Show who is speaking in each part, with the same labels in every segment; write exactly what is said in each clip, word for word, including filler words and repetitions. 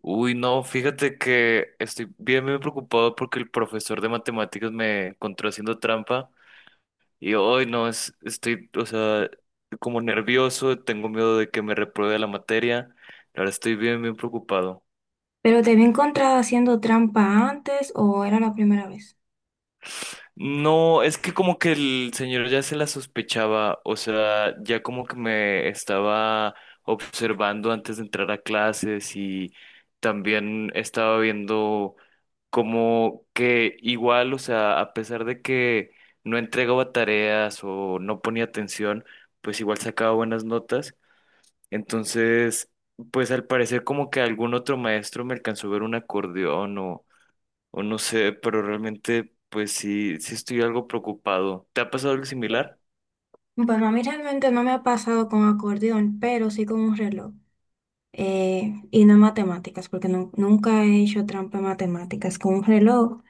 Speaker 1: Uy, no, fíjate que estoy bien, bien preocupado porque el profesor de matemáticas me encontró haciendo trampa y hoy no, es, estoy, o sea, como nervioso, tengo miedo de que me repruebe la materia. ahora estoy bien, bien preocupado.
Speaker 2: ¿Pero te había encontrado haciendo trampa antes o era la primera vez?
Speaker 1: No, es que como que el señor ya se la sospechaba, o sea, ya como que me estaba observando antes de entrar a clases y también estaba viendo como que igual, o sea, a pesar de que no entregaba tareas o no ponía atención, pues igual sacaba buenas notas. Entonces, pues al parecer como que algún otro maestro me alcanzó a ver un acordeón o no sé, pero realmente pues sí, sí estoy algo preocupado. ¿Te ha pasado algo similar?
Speaker 2: Bueno, a mí realmente no me ha pasado con acordeón, pero sí con un reloj. Eh, y no en matemáticas, porque nu- nunca he hecho trampa en matemáticas con un reloj.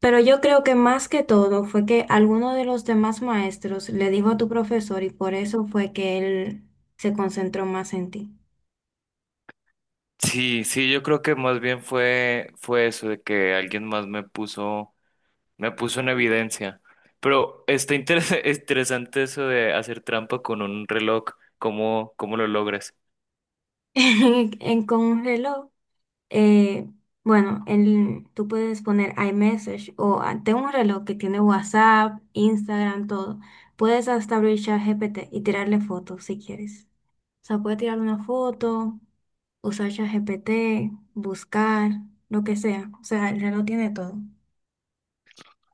Speaker 2: Pero yo creo que más que todo fue que alguno de los demás maestros le dijo a tu profesor y por eso fue que él se concentró más en ti.
Speaker 1: Sí, sí, yo creo que más bien fue, fue eso de que alguien más me puso, me puso en evidencia. Pero está interes- interesante eso de hacer trampa con un reloj. ¿Cómo, cómo lo logras?
Speaker 2: En, en- con un reloj. eh, bueno, el- tú puedes poner iMessage o ah, tengo un reloj que tiene WhatsApp, Instagram, todo. Puedes hasta abrir ChatGPT y tirarle fotos si quieres. O sea, puedes tirar una foto, usar ChatGPT, buscar, lo que sea. O sea, el reloj tiene todo.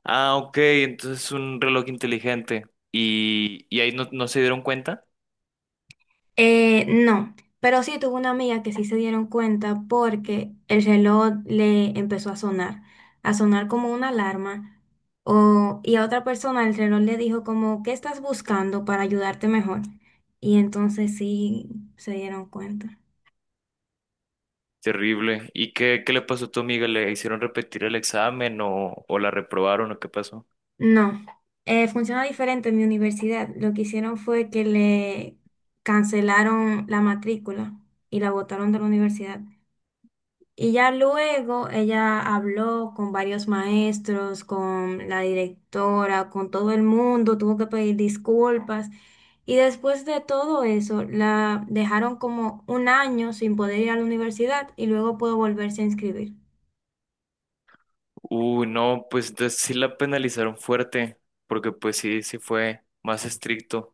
Speaker 1: Ah, ok, entonces es un reloj inteligente. Y, y ahí no, no se dieron cuenta.
Speaker 2: Eh, no, pero sí tuve una amiga que sí se dieron cuenta porque el reloj le empezó a sonar, a sonar como una alarma, o, y a otra persona el reloj le dijo como, ¿qué estás buscando para ayudarte mejor? Y entonces sí se dieron cuenta.
Speaker 1: Terrible. ¿Y qué, qué le pasó a tu amiga? ¿Le hicieron repetir el examen o, o la reprobaron o qué pasó?
Speaker 2: No, eh, funciona diferente en mi universidad. Lo que hicieron fue que le cancelaron la matrícula y la botaron de la universidad. Y ya luego ella habló con varios maestros, con la directora, con todo el mundo, tuvo que pedir disculpas. Y después de todo eso, la dejaron como un año sin poder ir a la universidad y luego pudo volverse a inscribir.
Speaker 1: Uy, no, pues de- sí la penalizaron fuerte, porque pues sí, sí fue más estricto.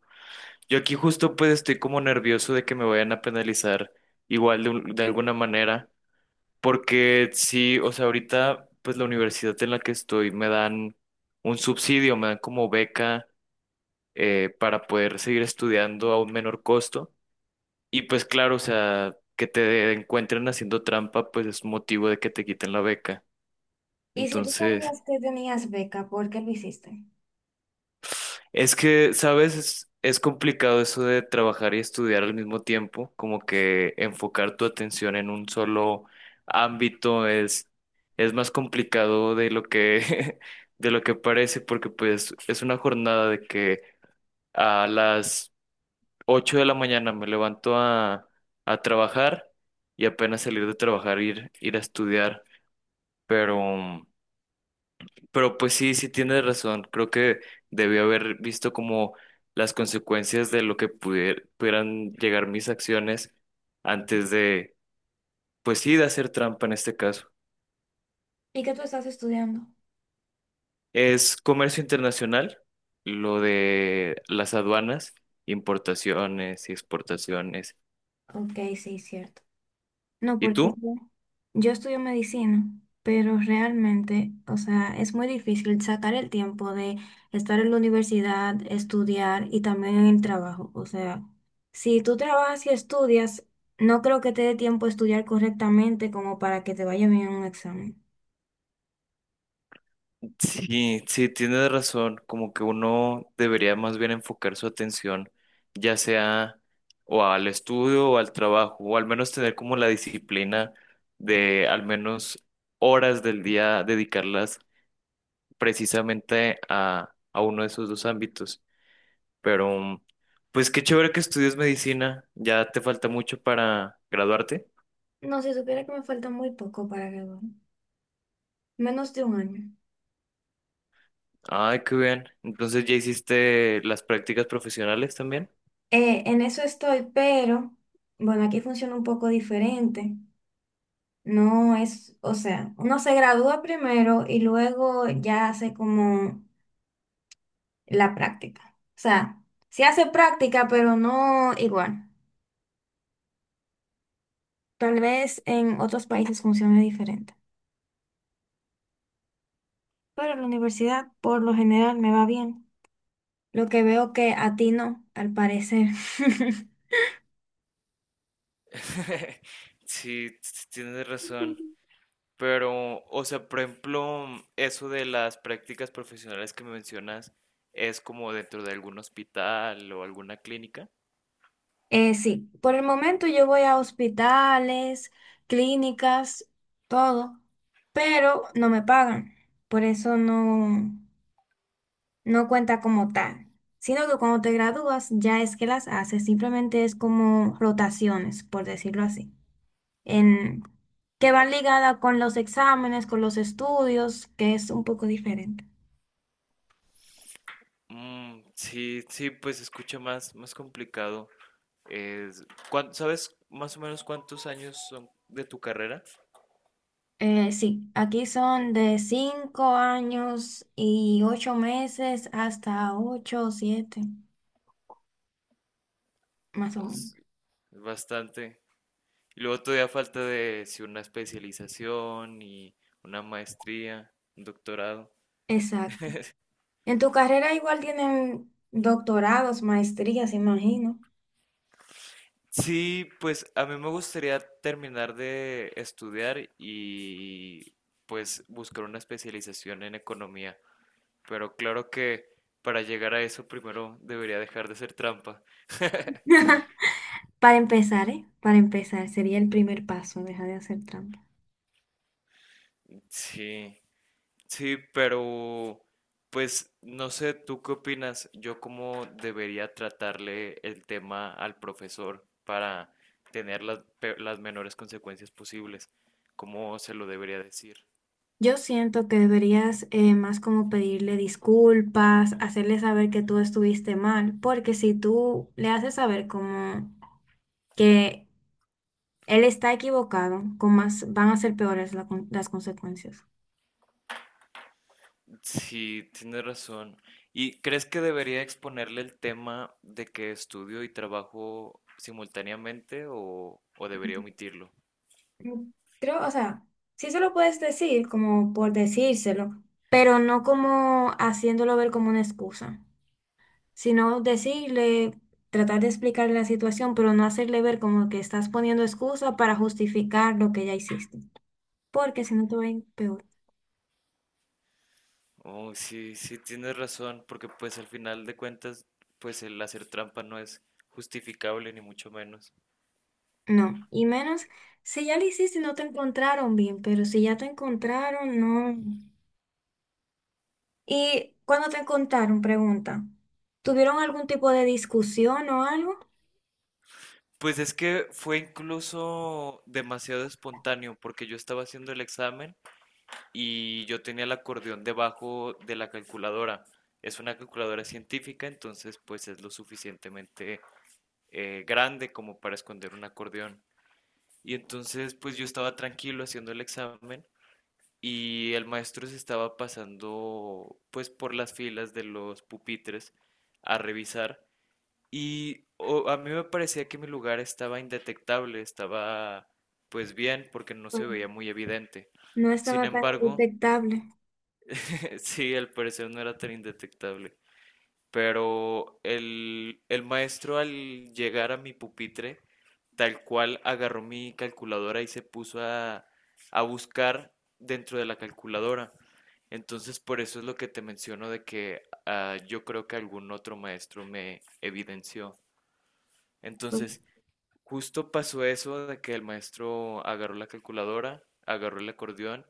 Speaker 1: Yo aquí justo pues estoy como nervioso de que me vayan a penalizar igual de, un- de alguna manera, porque sí, o sea, ahorita pues la universidad en la que estoy me dan un subsidio, me dan como beca eh, para poder seguir estudiando a un menor costo. Y pues claro, o sea, que te encuentren haciendo trampa pues es motivo de que te quiten la beca.
Speaker 2: Y si tú
Speaker 1: Entonces...
Speaker 2: sabías que tenías beca, ¿por qué lo hiciste?
Speaker 1: Es que, ¿sabes? Es, es complicado eso de trabajar y estudiar al mismo tiempo, como que enfocar tu atención en un solo ámbito es, es más complicado de lo que, de lo que parece, porque pues es una jornada de que a las ocho de la mañana me levanto a, a trabajar y apenas salir de trabajar ir, ir a estudiar, pero... Pero pues sí, sí tienes razón. Creo que debí haber visto como las consecuencias de lo que pudier- pudieran llegar mis acciones antes de, pues sí, de hacer trampa en este caso.
Speaker 2: ¿Y qué tú estás estudiando?
Speaker 1: Es comercio internacional, lo de las aduanas, importaciones y exportaciones.
Speaker 2: Ok, sí, cierto. No,
Speaker 1: ¿Y
Speaker 2: porque o
Speaker 1: tú?
Speaker 2: sea, yo estudio medicina, pero realmente, o sea, es muy difícil sacar el tiempo de estar en la universidad, estudiar y también en el trabajo. O sea, si tú trabajas y estudias, no creo que te dé tiempo a estudiar correctamente como para que te vaya bien en un examen.
Speaker 1: Sí, sí, tienes razón, como que uno debería más bien enfocar su atención, ya sea o al estudio o al trabajo, o al menos tener como la disciplina de al menos horas del día dedicarlas precisamente a, a uno de esos dos ámbitos. Pero, mm, pues qué chévere que estudies medicina, ya te falta mucho para graduarte.
Speaker 2: No, si supiera que me falta muy poco para graduar, menos de un año.
Speaker 1: Ay, qué bien. Entonces, ¿ya hiciste las prácticas profesionales también?
Speaker 2: Eh, en eso estoy, pero bueno, aquí funciona un poco diferente. No, es, o sea, uno se gradúa primero y luego ya hace como la práctica. O sea, se hace práctica, pero no igual. Tal vez en otros países funcione diferente. Pero en la universidad, por lo general, me va bien. Lo que veo que a ti no, al parecer.
Speaker 1: Sí, tienes razón. Pero, o sea, por ejemplo, eso de las prácticas profesionales que me mencionas es como dentro de algún hospital o alguna clínica.
Speaker 2: Eh, sí, por el momento yo voy a hospitales, clínicas, todo, pero no me pagan. Por eso no. No cuenta como tal, sino que cuando te gradúas ya es que las haces, simplemente es como rotaciones, por decirlo así, en, que van ligadas con los exámenes, con los estudios, que es un poco diferente.
Speaker 1: Mm, sí, sí, pues se escucha más, más complicado. Es, ¿cuán- ¿sabes más o menos cuántos años son de tu carrera?
Speaker 2: Eh, sí, aquí son de cinco años y ocho meses hasta ocho, o siete, más o
Speaker 1: Es
Speaker 2: menos.
Speaker 1: bastante. Y luego todavía falta de si una especialización y una maestría, un doctorado.
Speaker 2: Exacto. En tu carrera igual tienen doctorados, maestrías, imagino.
Speaker 1: Sí, pues a mí me gustaría terminar de estudiar y pues buscar una especialización en economía. Pero claro que para llegar a eso primero debería dejar de hacer trampa.
Speaker 2: Para empezar, ¿eh? Para empezar, sería el primer paso, deja de hacer trampa.
Speaker 1: Sí, sí, pero pues no sé, ¿tú qué opinas? Yo cómo debería tratarle el tema al profesor para tener las, pe- las menores consecuencias posibles. ¿Cómo se lo debería decir?
Speaker 2: Yo siento que deberías eh, más como pedirle disculpas, hacerle saber que tú estuviste mal, porque si tú le haces saber como que él está equivocado, con más van a ser peores la con- las consecuencias.
Speaker 1: Sí, tienes razón. ¿Y crees que debería exponerle el tema de que estudio y trabajo simultáneamente o, o debería omitirlo?
Speaker 2: Mm, creo, o sea, sí se lo puedes decir como por decírselo, pero no como haciéndolo ver como una excusa. Sino decirle, tratar de explicarle la situación, pero no hacerle ver como que estás poniendo excusa para justificar lo que ya hiciste, porque si no te va a ir peor.
Speaker 1: Oh, sí, sí, tienes razón, porque pues al final de cuentas, pues el hacer trampa no es justificable ni mucho menos.
Speaker 2: No, y menos si ya lo hiciste y no te encontraron bien, pero si ya te encontraron, no. Y cuando te encontraron, pregunta, ¿tuvieron algún tipo de discusión o algo?
Speaker 1: Pues es que fue incluso demasiado espontáneo, porque yo estaba haciendo el examen y yo tenía el acordeón debajo de la calculadora. Es una calculadora científica, entonces pues es lo suficientemente eh, grande como para esconder un acordeón. Y entonces pues yo estaba tranquilo haciendo el examen y el maestro se estaba pasando pues por las filas de los pupitres a revisar y o- a mí me parecía que mi lugar estaba indetectable, estaba pues bien porque no
Speaker 2: Pues,
Speaker 1: se veía muy evidente.
Speaker 2: no
Speaker 1: Sin
Speaker 2: estaba tan
Speaker 1: embargo,
Speaker 2: detectable.
Speaker 1: sí, al parecer no era tan indetectable. Pero el, el maestro al llegar a mi pupitre, tal cual agarró mi calculadora y se puso a, a buscar dentro de la calculadora. Entonces, por eso es lo que te menciono de que ah, yo creo que algún otro maestro me evidenció.
Speaker 2: Pues,
Speaker 1: Entonces, Justo pasó eso de que el maestro agarró la calculadora, agarró el acordeón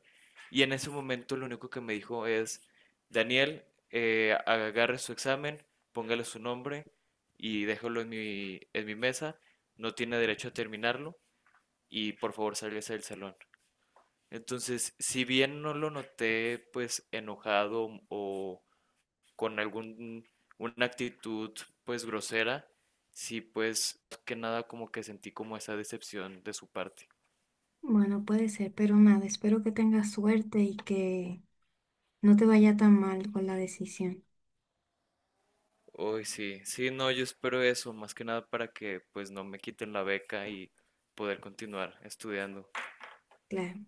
Speaker 1: y en ese momento lo único que me dijo es: Daniel, eh, agarre su examen, póngale su nombre y déjalo en mi, en mi mesa, no tiene derecho a terminarlo y por favor sálgase del salón. Entonces, si bien no lo noté pues enojado o con algún, una actitud pues grosera, sí pues que nada como que sentí como esa decepción de su parte.
Speaker 2: bueno, puede ser, pero nada, espero que tengas suerte y que no te vaya tan mal con la decisión.
Speaker 1: Uy, sí, sí, no, yo espero eso, más que nada para que pues no me quiten la beca y poder continuar estudiando.
Speaker 2: Claro.